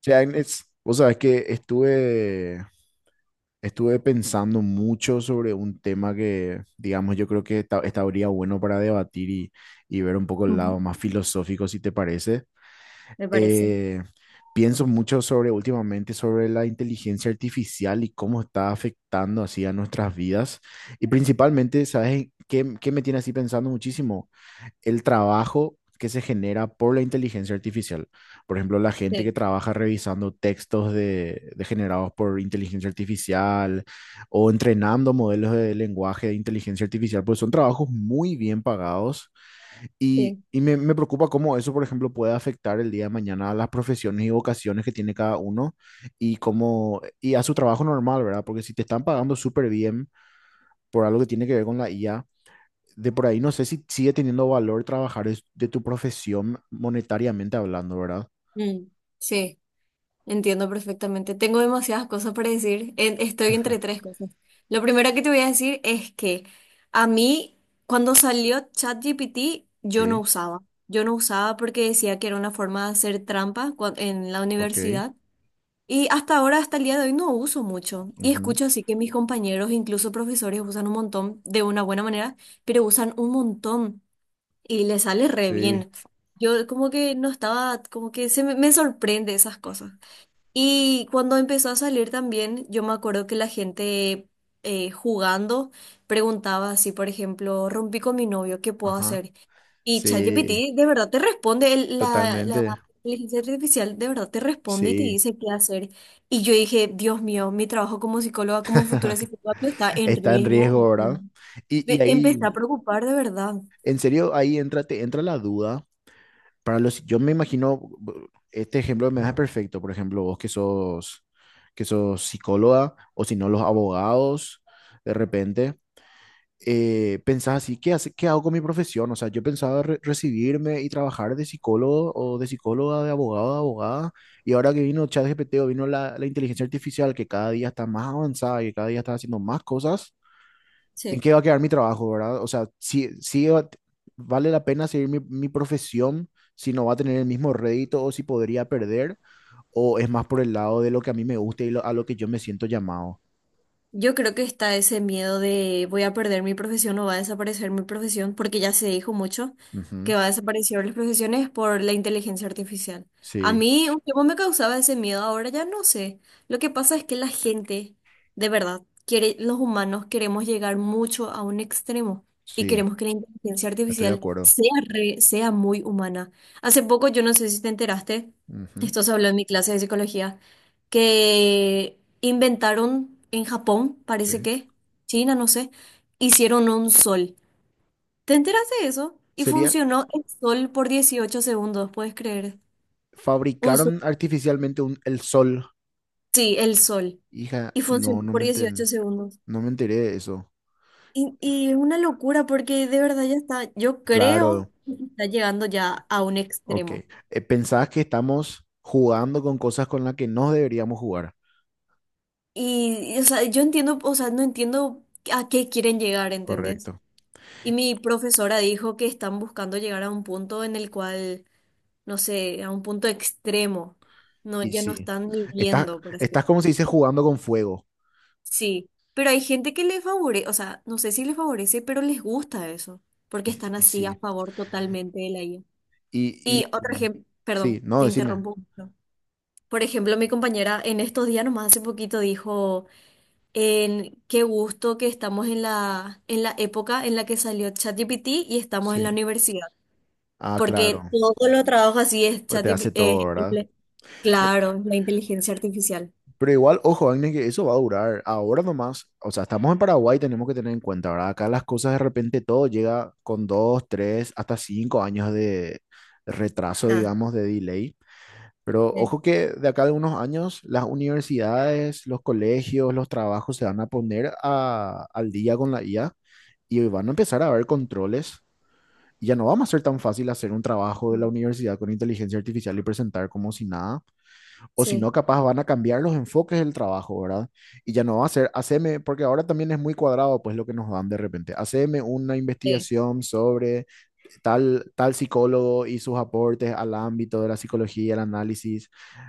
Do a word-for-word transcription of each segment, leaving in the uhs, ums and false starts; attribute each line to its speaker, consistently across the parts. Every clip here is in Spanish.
Speaker 1: Che, Agnes, vos sabés que estuve, estuve pensando mucho sobre un tema que, digamos, yo creo que esta- estaría bueno para debatir y, y ver un poco el
Speaker 2: Ujú.
Speaker 1: lado más filosófico, si te parece.
Speaker 2: Me parece.
Speaker 1: Eh, Pienso mucho sobre últimamente sobre la inteligencia artificial y cómo está afectando así a nuestras vidas. Y principalmente, ¿sabes qué, qué me tiene así pensando muchísimo? El trabajo que se genera por la inteligencia artificial. Por ejemplo, la gente que
Speaker 2: Sí,
Speaker 1: trabaja revisando textos de, de generados por inteligencia artificial o entrenando modelos de lenguaje de inteligencia artificial, pues son trabajos muy bien pagados y,
Speaker 2: sí.
Speaker 1: y me, me preocupa cómo eso, por ejemplo, puede afectar el día de mañana a las profesiones y vocaciones que tiene cada uno y cómo, y a su trabajo normal, ¿verdad? Porque si te están pagando súper bien por algo que tiene que ver con la I A, de por ahí no sé si sigue teniendo valor trabajar es- de tu profesión monetariamente hablando, ¿verdad?
Speaker 2: Mm, sí, entiendo perfectamente. Tengo demasiadas cosas para decir. En- estoy entre tres cosas. Lo primero que te voy a decir es que a mí, cuando salió ChatGPT, yo no
Speaker 1: Sí,
Speaker 2: usaba. Yo no usaba porque decía que era una forma de hacer trampa cua- en la
Speaker 1: ok.
Speaker 2: universidad. Y hasta ahora, hasta el día de hoy, no uso mucho. Y
Speaker 1: Ujú.
Speaker 2: escucho así que mis compañeros, incluso profesores, usan un montón de una buena manera, pero usan un montón. Y le sale re
Speaker 1: Sí,
Speaker 2: bien. Yo como que no estaba, como que se me, me sorprende esas cosas. Y cuando empezó a salir también, yo me acuerdo que la gente eh, jugando preguntaba así, por ejemplo, rompí con mi novio, ¿qué puedo
Speaker 1: ajá.
Speaker 2: hacer? Y
Speaker 1: Sí,
Speaker 2: ChatGPT de verdad te responde, el- la, la
Speaker 1: totalmente.
Speaker 2: inteligencia artificial de verdad te responde y te
Speaker 1: Sí,
Speaker 2: dice qué hacer. Y yo dije, Dios mío, mi trabajo como psicóloga, como futura psicóloga está en
Speaker 1: está en
Speaker 2: riesgo.
Speaker 1: riesgo, ¿verdad? Y, y
Speaker 2: Me empecé
Speaker 1: ahí,
Speaker 2: a preocupar de verdad.
Speaker 1: en serio, ahí entra, te entra la duda. Para los, yo me imagino, bu- este ejemplo me da perfecto, por ejemplo, vos que sos, que sos psicóloga, o si no, los abogados, de repente. Eh, pensás así, ¿qué hace, qué hago con mi profesión? O sea, yo pensaba re- recibirme y trabajar de psicólogo o de psicóloga, de abogado, de abogada, y ahora que vino ChatGPT o vino la, la inteligencia artificial que cada día está más avanzada y que cada día está haciendo más cosas, ¿en
Speaker 2: Sí.
Speaker 1: qué va a quedar mi trabajo, verdad? O sea, si, si va- vale la pena seguir mi, mi profesión, si no va a tener el mismo rédito o si podría perder, o es más por el lado de lo que a mí me gusta y lo- a lo que yo me siento llamado.
Speaker 2: Yo creo que está ese miedo de voy a perder mi profesión o va a desaparecer mi profesión, porque ya se dijo mucho
Speaker 1: Ujú.
Speaker 2: que va a desaparecer las profesiones por la inteligencia artificial. A
Speaker 1: Sí,
Speaker 2: mí un tiempo me causaba ese miedo, ahora ya no sé. Lo que pasa es que la gente, de verdad, quiere, los humanos queremos llegar mucho a un extremo y
Speaker 1: sí,
Speaker 2: queremos que la inteligencia
Speaker 1: estoy de
Speaker 2: artificial
Speaker 1: acuerdo.
Speaker 2: sea re- sea muy humana. Hace poco, yo no sé si te enteraste,
Speaker 1: Ujú.
Speaker 2: esto se habló en mi clase de psicología que inventaron en Japón, parece
Speaker 1: Sí.
Speaker 2: que, China, no sé, hicieron un sol. ¿Te enteraste de eso? Y
Speaker 1: Sería,
Speaker 2: funcionó el sol por dieciocho segundos, ¿puedes creer? Un sol,
Speaker 1: fabricaron artificialmente un, el sol.
Speaker 2: sí, el sol.
Speaker 1: Hija,
Speaker 2: Y funcionó
Speaker 1: no, no
Speaker 2: por
Speaker 1: me
Speaker 2: dieciocho
Speaker 1: enten-
Speaker 2: segundos.
Speaker 1: no me enteré de eso.
Speaker 2: Y, y es una locura porque de verdad ya está, yo
Speaker 1: Claro,
Speaker 2: creo que está llegando ya a un
Speaker 1: ok.
Speaker 2: extremo.
Speaker 1: Eh, pensabas que estamos jugando con cosas con las que no deberíamos jugar.
Speaker 2: Y, y, o sea, yo entiendo, o sea, no entiendo a qué quieren llegar, ¿entendés?
Speaker 1: Correcto.
Speaker 2: Y mi profesora dijo que están buscando llegar a un punto en el cual no sé, a un punto extremo. No,
Speaker 1: Y
Speaker 2: ya no
Speaker 1: sí.
Speaker 2: están
Speaker 1: Estás,
Speaker 2: viviendo, por así
Speaker 1: estás como se
Speaker 2: decirlo.
Speaker 1: dice jugando con fuego.
Speaker 2: Sí, pero hay gente que les favorece, o sea, no sé si les favorece, pero les gusta eso, porque
Speaker 1: Y,
Speaker 2: están
Speaker 1: y
Speaker 2: así a
Speaker 1: sí.
Speaker 2: favor totalmente de la I A.
Speaker 1: Y,
Speaker 2: Y otro
Speaker 1: y
Speaker 2: ejemplo,
Speaker 1: sí,
Speaker 2: perdón,
Speaker 1: no,
Speaker 2: te
Speaker 1: decime.
Speaker 2: interrumpo un poquito. Por ejemplo, mi compañera en estos días, nomás hace poquito, dijo, en qué gusto que estamos en la, en la época en la que salió ChatGPT y estamos en
Speaker 1: Sí.
Speaker 2: la universidad.
Speaker 1: Ah,
Speaker 2: Porque
Speaker 1: claro.
Speaker 2: todo lo trabajo así es
Speaker 1: Pues
Speaker 2: chat,
Speaker 1: te hace
Speaker 2: eh,
Speaker 1: todo, ¿verdad?
Speaker 2: simple.
Speaker 1: Pero,
Speaker 2: Claro, la inteligencia artificial.
Speaker 1: Pero igual, ojo, Agnes, que eso va a durar. Ahora nomás, o sea, estamos en Paraguay, tenemos que tener en cuenta, ¿verdad? Acá las cosas de repente todo llega con dos, tres, hasta cinco años de retraso,
Speaker 2: Ah,
Speaker 1: digamos, de delay. Pero
Speaker 2: sí,
Speaker 1: ojo que de acá de unos años las universidades, los colegios, los trabajos se van a poner a- al día con la I A y van a empezar a haber controles. Y ya no vamos a ser tan fácil hacer un trabajo de la
Speaker 2: no,
Speaker 1: universidad con inteligencia artificial y presentar como si nada o si no,
Speaker 2: sí,
Speaker 1: capaz van a cambiar los enfoques del trabajo, ¿verdad? Y ya no va a ser, haceme, porque ahora también es muy cuadrado, pues lo que nos dan de repente. Haceme una
Speaker 2: sí,
Speaker 1: investigación sobre tal, tal psicólogo y sus aportes al ámbito de la psicología, el análisis,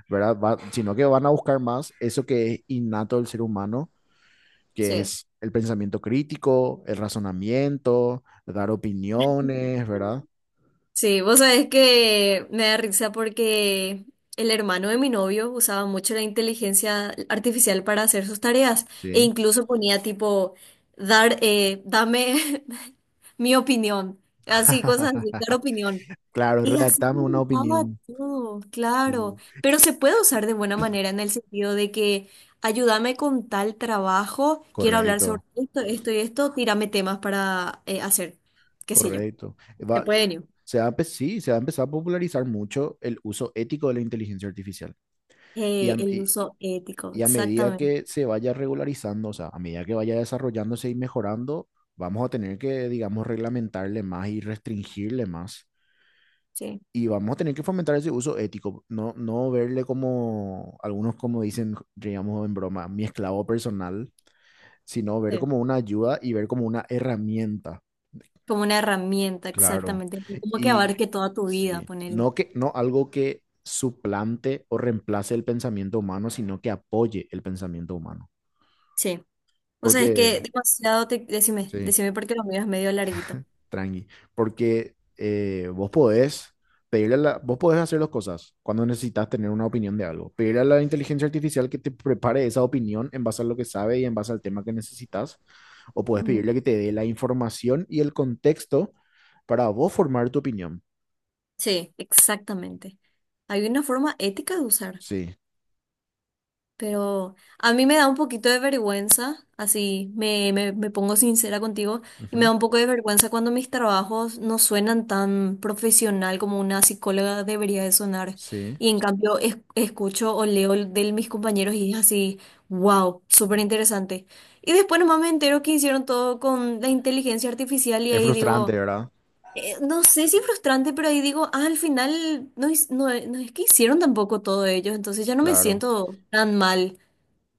Speaker 1: ¿verdad? Va- sino que van a buscar más eso que es innato del ser humano, que
Speaker 2: sí.
Speaker 1: es el pensamiento crítico, el razonamiento, dar opiniones, ¿verdad?
Speaker 2: Sí, vos sabés que me da risa porque el hermano de mi novio usaba mucho la inteligencia artificial para hacer sus tareas e
Speaker 1: Sí.
Speaker 2: incluso ponía tipo, dar, eh, dame mi opinión, así, cosas así, dar opinión.
Speaker 1: Claro,
Speaker 2: Y así
Speaker 1: redactame una
Speaker 2: comenzaba
Speaker 1: opinión.
Speaker 2: todo, claro.
Speaker 1: Sí,
Speaker 2: Pero se puede usar de buena manera en el sentido de que ayúdame con tal trabajo, quiero hablar sobre
Speaker 1: correcto.
Speaker 2: esto, esto y esto, tírame temas para eh, hacer, qué sé yo.
Speaker 1: Correcto.
Speaker 2: Se
Speaker 1: Va-
Speaker 2: pueden ir.
Speaker 1: se va a empe- Sí, se va a empezar a popularizar mucho el uso ético de la inteligencia artificial. Y
Speaker 2: Eh,
Speaker 1: a,
Speaker 2: el
Speaker 1: y-
Speaker 2: uso ético,
Speaker 1: y a medida
Speaker 2: exactamente.
Speaker 1: que se vaya regularizando, o sea, a medida que vaya desarrollándose y mejorando, vamos a tener que, digamos, reglamentarle más y restringirle más.
Speaker 2: Sí,
Speaker 1: Y vamos a tener que fomentar ese uso ético, no, no verle como algunos como dicen, digamos en broma, mi esclavo personal, sino ver
Speaker 2: sí.
Speaker 1: como una ayuda y ver como una herramienta.
Speaker 2: Como una herramienta,
Speaker 1: Claro.
Speaker 2: exactamente. Como que
Speaker 1: Y
Speaker 2: abarque toda tu vida,
Speaker 1: sí,
Speaker 2: ponele.
Speaker 1: no que no algo que suplante o reemplace el pensamiento humano, sino que apoye el pensamiento humano.
Speaker 2: Sí. O sea, es
Speaker 1: Porque,
Speaker 2: que demasiado te. Decime,
Speaker 1: sí,
Speaker 2: decime porque lo miras medio larguito.
Speaker 1: tranqui. Porque eh, vos podés pedirle a la, vos podés hacer dos cosas cuando necesitas tener una opinión de algo. Pedirle a la inteligencia artificial que te prepare esa opinión en base a lo que sabe y en base al tema que necesitas. O puedes
Speaker 2: Ujú.
Speaker 1: pedirle que te dé la información y el contexto para vos formar tu opinión.
Speaker 2: Sí, exactamente. Hay una forma ética de usar.
Speaker 1: Sí.
Speaker 2: Pero a mí me da un poquito de vergüenza, así me, me, me pongo sincera contigo, y me
Speaker 1: Ujú.
Speaker 2: da un poco de vergüenza cuando mis trabajos no suenan tan profesional como una psicóloga debería de sonar.
Speaker 1: Sí.
Speaker 2: Y en cambio es- escucho o leo de mis compañeros y es así, wow, súper interesante. Y después nomás me entero que hicieron todo con la inteligencia artificial y
Speaker 1: Es
Speaker 2: ahí
Speaker 1: frustrante,
Speaker 2: digo,
Speaker 1: ¿verdad?
Speaker 2: eh, no sé si frustrante, pero ahí digo, ah, al final no, hic- no, no es que hicieron tampoco todo ellos, entonces ya no me
Speaker 1: Claro,
Speaker 2: siento tan mal.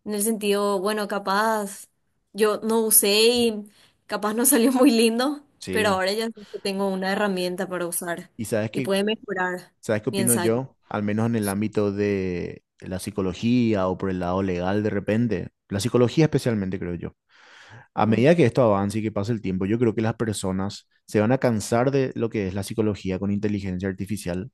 Speaker 2: En el sentido, bueno, capaz yo no usé y capaz no salió muy lindo, pero
Speaker 1: sí.
Speaker 2: ahora ya sé que tengo una herramienta para usar
Speaker 1: ¿Y sabes
Speaker 2: y
Speaker 1: qué,
Speaker 2: puede mejorar
Speaker 1: sabes qué
Speaker 2: mi
Speaker 1: opino
Speaker 2: ensayo.
Speaker 1: yo? Al menos en el ámbito de la psicología o por el lado legal de repente. La psicología especialmente, creo yo. A
Speaker 2: Mm,
Speaker 1: medida que esto avance y que pase el tiempo, yo creo que las personas se van a cansar de lo que es la psicología con inteligencia artificial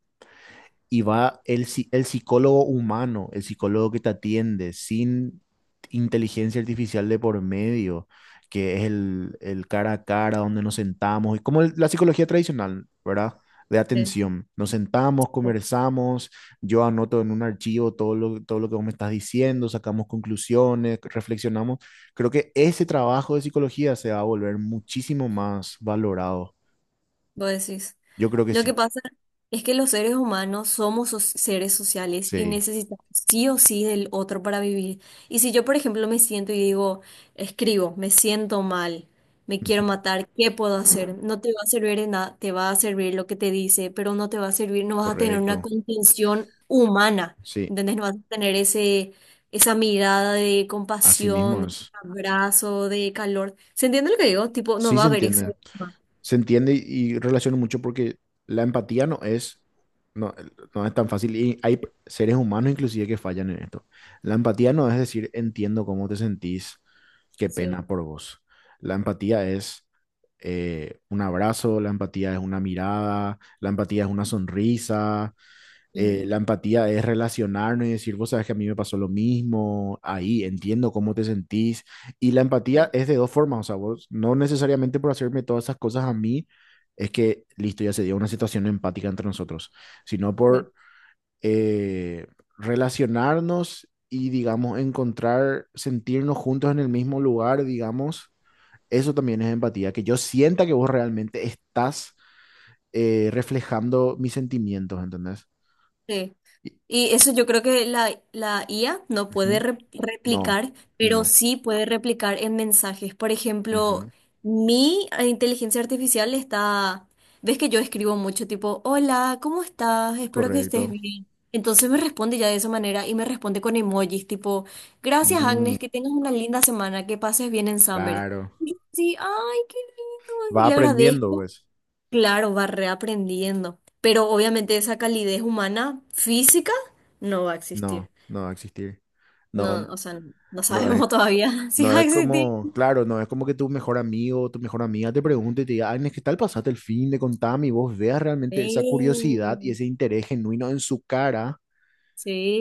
Speaker 1: y va el, psi- el psicólogo humano, el psicólogo que te atiende, sin inteligencia artificial de por medio, que es el, el cara a cara donde nos sentamos, y como el- la psicología tradicional, ¿verdad? De
Speaker 2: sí,
Speaker 1: atención. Nos sentamos,
Speaker 2: sí.
Speaker 1: conversamos, yo anoto en un archivo todo lo, todo lo que vos me estás diciendo, sacamos conclusiones, reflexionamos. Creo que ese trabajo de psicología se va a volver muchísimo más valorado.
Speaker 2: Vos decís.
Speaker 1: Yo creo que
Speaker 2: Lo que
Speaker 1: sí,
Speaker 2: pasa es que los seres humanos somos so- seres sociales y
Speaker 1: sí,
Speaker 2: necesitamos sí o sí del otro para vivir. Y si yo, por ejemplo, me siento y digo, escribo, me siento mal, me quiero matar, ¿qué puedo hacer? No te va a servir de nada, te va a servir lo que te dice, pero no te va a servir, no vas a tener una
Speaker 1: correcto,
Speaker 2: contención humana,
Speaker 1: sí.
Speaker 2: ¿entendés? No vas a tener ese, esa mirada de
Speaker 1: Así mismo
Speaker 2: compasión, de
Speaker 1: es.
Speaker 2: abrazo, de calor. ¿Se entiende lo que digo? Tipo, no
Speaker 1: Sí
Speaker 2: va a
Speaker 1: se
Speaker 2: haber ese.
Speaker 1: entiende. Se entiende y, y relaciona mucho porque la empatía no es, no, no es tan fácil. Y hay seres humanos inclusive que fallan en esto. La empatía no es decir, entiendo cómo te sentís, qué
Speaker 2: Sí.
Speaker 1: pena por vos. La empatía es eh, un abrazo, la empatía es una mirada, la empatía es una sonrisa,
Speaker 2: Mm,
Speaker 1: eh, la empatía es relacionarnos y decir, vos sabes que a mí me pasó lo mismo, ahí entiendo cómo te sentís. Y la empatía
Speaker 2: sí,
Speaker 1: es de dos formas, o sea, vos no necesariamente por hacerme todas esas cosas a mí, es que listo, ya se dio una situación empática entre nosotros, sino
Speaker 2: sí.
Speaker 1: por eh, relacionarnos y, digamos, encontrar, sentirnos juntos en el mismo lugar, digamos. Eso también es empatía, que yo sienta que vos realmente estás eh, reflejando mis sentimientos, ¿entendés?
Speaker 2: Sí,
Speaker 1: Y-
Speaker 2: y eso yo creo que la, la I A no puede
Speaker 1: Ujú.
Speaker 2: re-
Speaker 1: No,
Speaker 2: replicar,
Speaker 1: y
Speaker 2: pero
Speaker 1: no.
Speaker 2: sí puede replicar en mensajes. Por ejemplo,
Speaker 1: Ujú.
Speaker 2: mi eh, inteligencia artificial está, ves que yo escribo mucho tipo, hola, ¿cómo estás? Espero que estés
Speaker 1: Correcto.
Speaker 2: bien. Entonces me responde ya de esa manera y me responde con emojis tipo, gracias
Speaker 1: Mm,
Speaker 2: Agnes, que tengas una linda semana, que pases bien en Samber.
Speaker 1: claro.
Speaker 2: Y yo así, ay, qué lindo,
Speaker 1: Va
Speaker 2: y le
Speaker 1: aprendiendo,
Speaker 2: agradezco.
Speaker 1: pues.
Speaker 2: Claro, va reaprendiendo, pero obviamente esa calidez humana física no va a existir.
Speaker 1: No, no va a existir. No,
Speaker 2: No, o sea, no no
Speaker 1: no es,
Speaker 2: sabemos todavía si
Speaker 1: no
Speaker 2: va a
Speaker 1: es
Speaker 2: existir.
Speaker 1: como, claro, no es como que tu mejor amigo o tu mejor amiga te pregunte y te diga, ay, ¿qué tal pasaste el fin de contame? Y vos veas realmente esa curiosidad y
Speaker 2: Sí,
Speaker 1: ese interés genuino en su cara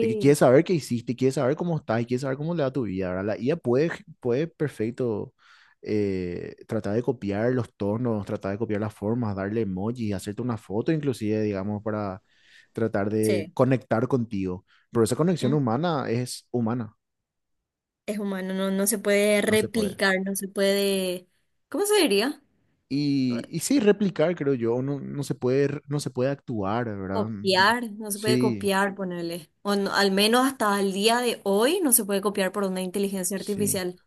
Speaker 1: de que quiere saber qué hiciste, quiere saber cómo estás y quiere saber cómo le va tu vida, ¿verdad? La I A puede, puede perfecto eh, tratar de copiar los tonos, tratar de copiar las formas, darle emojis, hacerte una foto inclusive, digamos, para tratar de
Speaker 2: sí.
Speaker 1: conectar contigo. Pero esa conexión
Speaker 2: Mm.
Speaker 1: humana es humana,
Speaker 2: Es humano, no, no se puede
Speaker 1: no se puede.
Speaker 2: replicar, no se puede, ¿cómo se diría?
Speaker 1: Y, y sí, replicar, creo yo, no, no se puede, no se puede actuar, ¿verdad? Mm.
Speaker 2: Copiar, no se puede
Speaker 1: Sí,
Speaker 2: copiar, ponerle. O no- al menos hasta el día de hoy no se puede copiar por una inteligencia
Speaker 1: sí.
Speaker 2: artificial.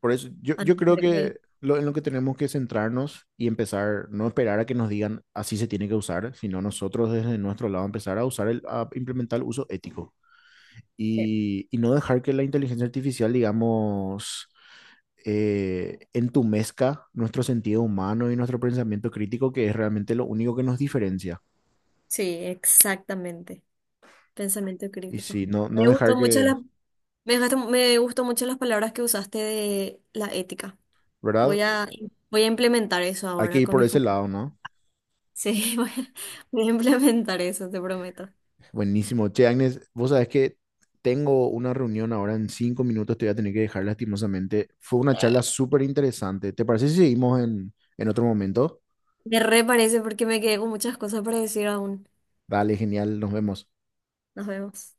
Speaker 1: Por eso yo,
Speaker 2: A no
Speaker 1: yo creo
Speaker 2: ser que.
Speaker 1: que lo, en lo que tenemos que centrarnos y empezar, no esperar a que nos digan así se tiene que usar, sino nosotros desde nuestro lado empezar a usar, el, a implementar el uso ético
Speaker 2: Sí,
Speaker 1: y, y no dejar que la inteligencia artificial, digamos, eh, entumezca nuestro sentido humano y nuestro pensamiento crítico, que es realmente lo único que nos diferencia.
Speaker 2: sí, exactamente. Pensamiento
Speaker 1: Y
Speaker 2: crítico.
Speaker 1: si no, no
Speaker 2: Me gustó
Speaker 1: dejar
Speaker 2: mucho
Speaker 1: que,
Speaker 2: la, me dejaste- me gustó mucho las palabras que usaste de la ética.
Speaker 1: ¿verdad?
Speaker 2: Voy a, voy a implementar eso
Speaker 1: Hay que
Speaker 2: ahora
Speaker 1: ir
Speaker 2: con
Speaker 1: por
Speaker 2: mis
Speaker 1: ese
Speaker 2: compañeros.
Speaker 1: lado, ¿no?
Speaker 2: Sí, voy a, voy a implementar eso, te prometo.
Speaker 1: Buenísimo. Che, Agnes, vos sabés que tengo una reunión ahora en cinco minutos, te voy a tener que dejar lastimosamente. Fue una charla súper interesante. ¿Te parece si seguimos en, en otro momento?
Speaker 2: Me re parece porque me quedé con muchas cosas para decir aún.
Speaker 1: Dale, genial, nos vemos.
Speaker 2: Nos vemos.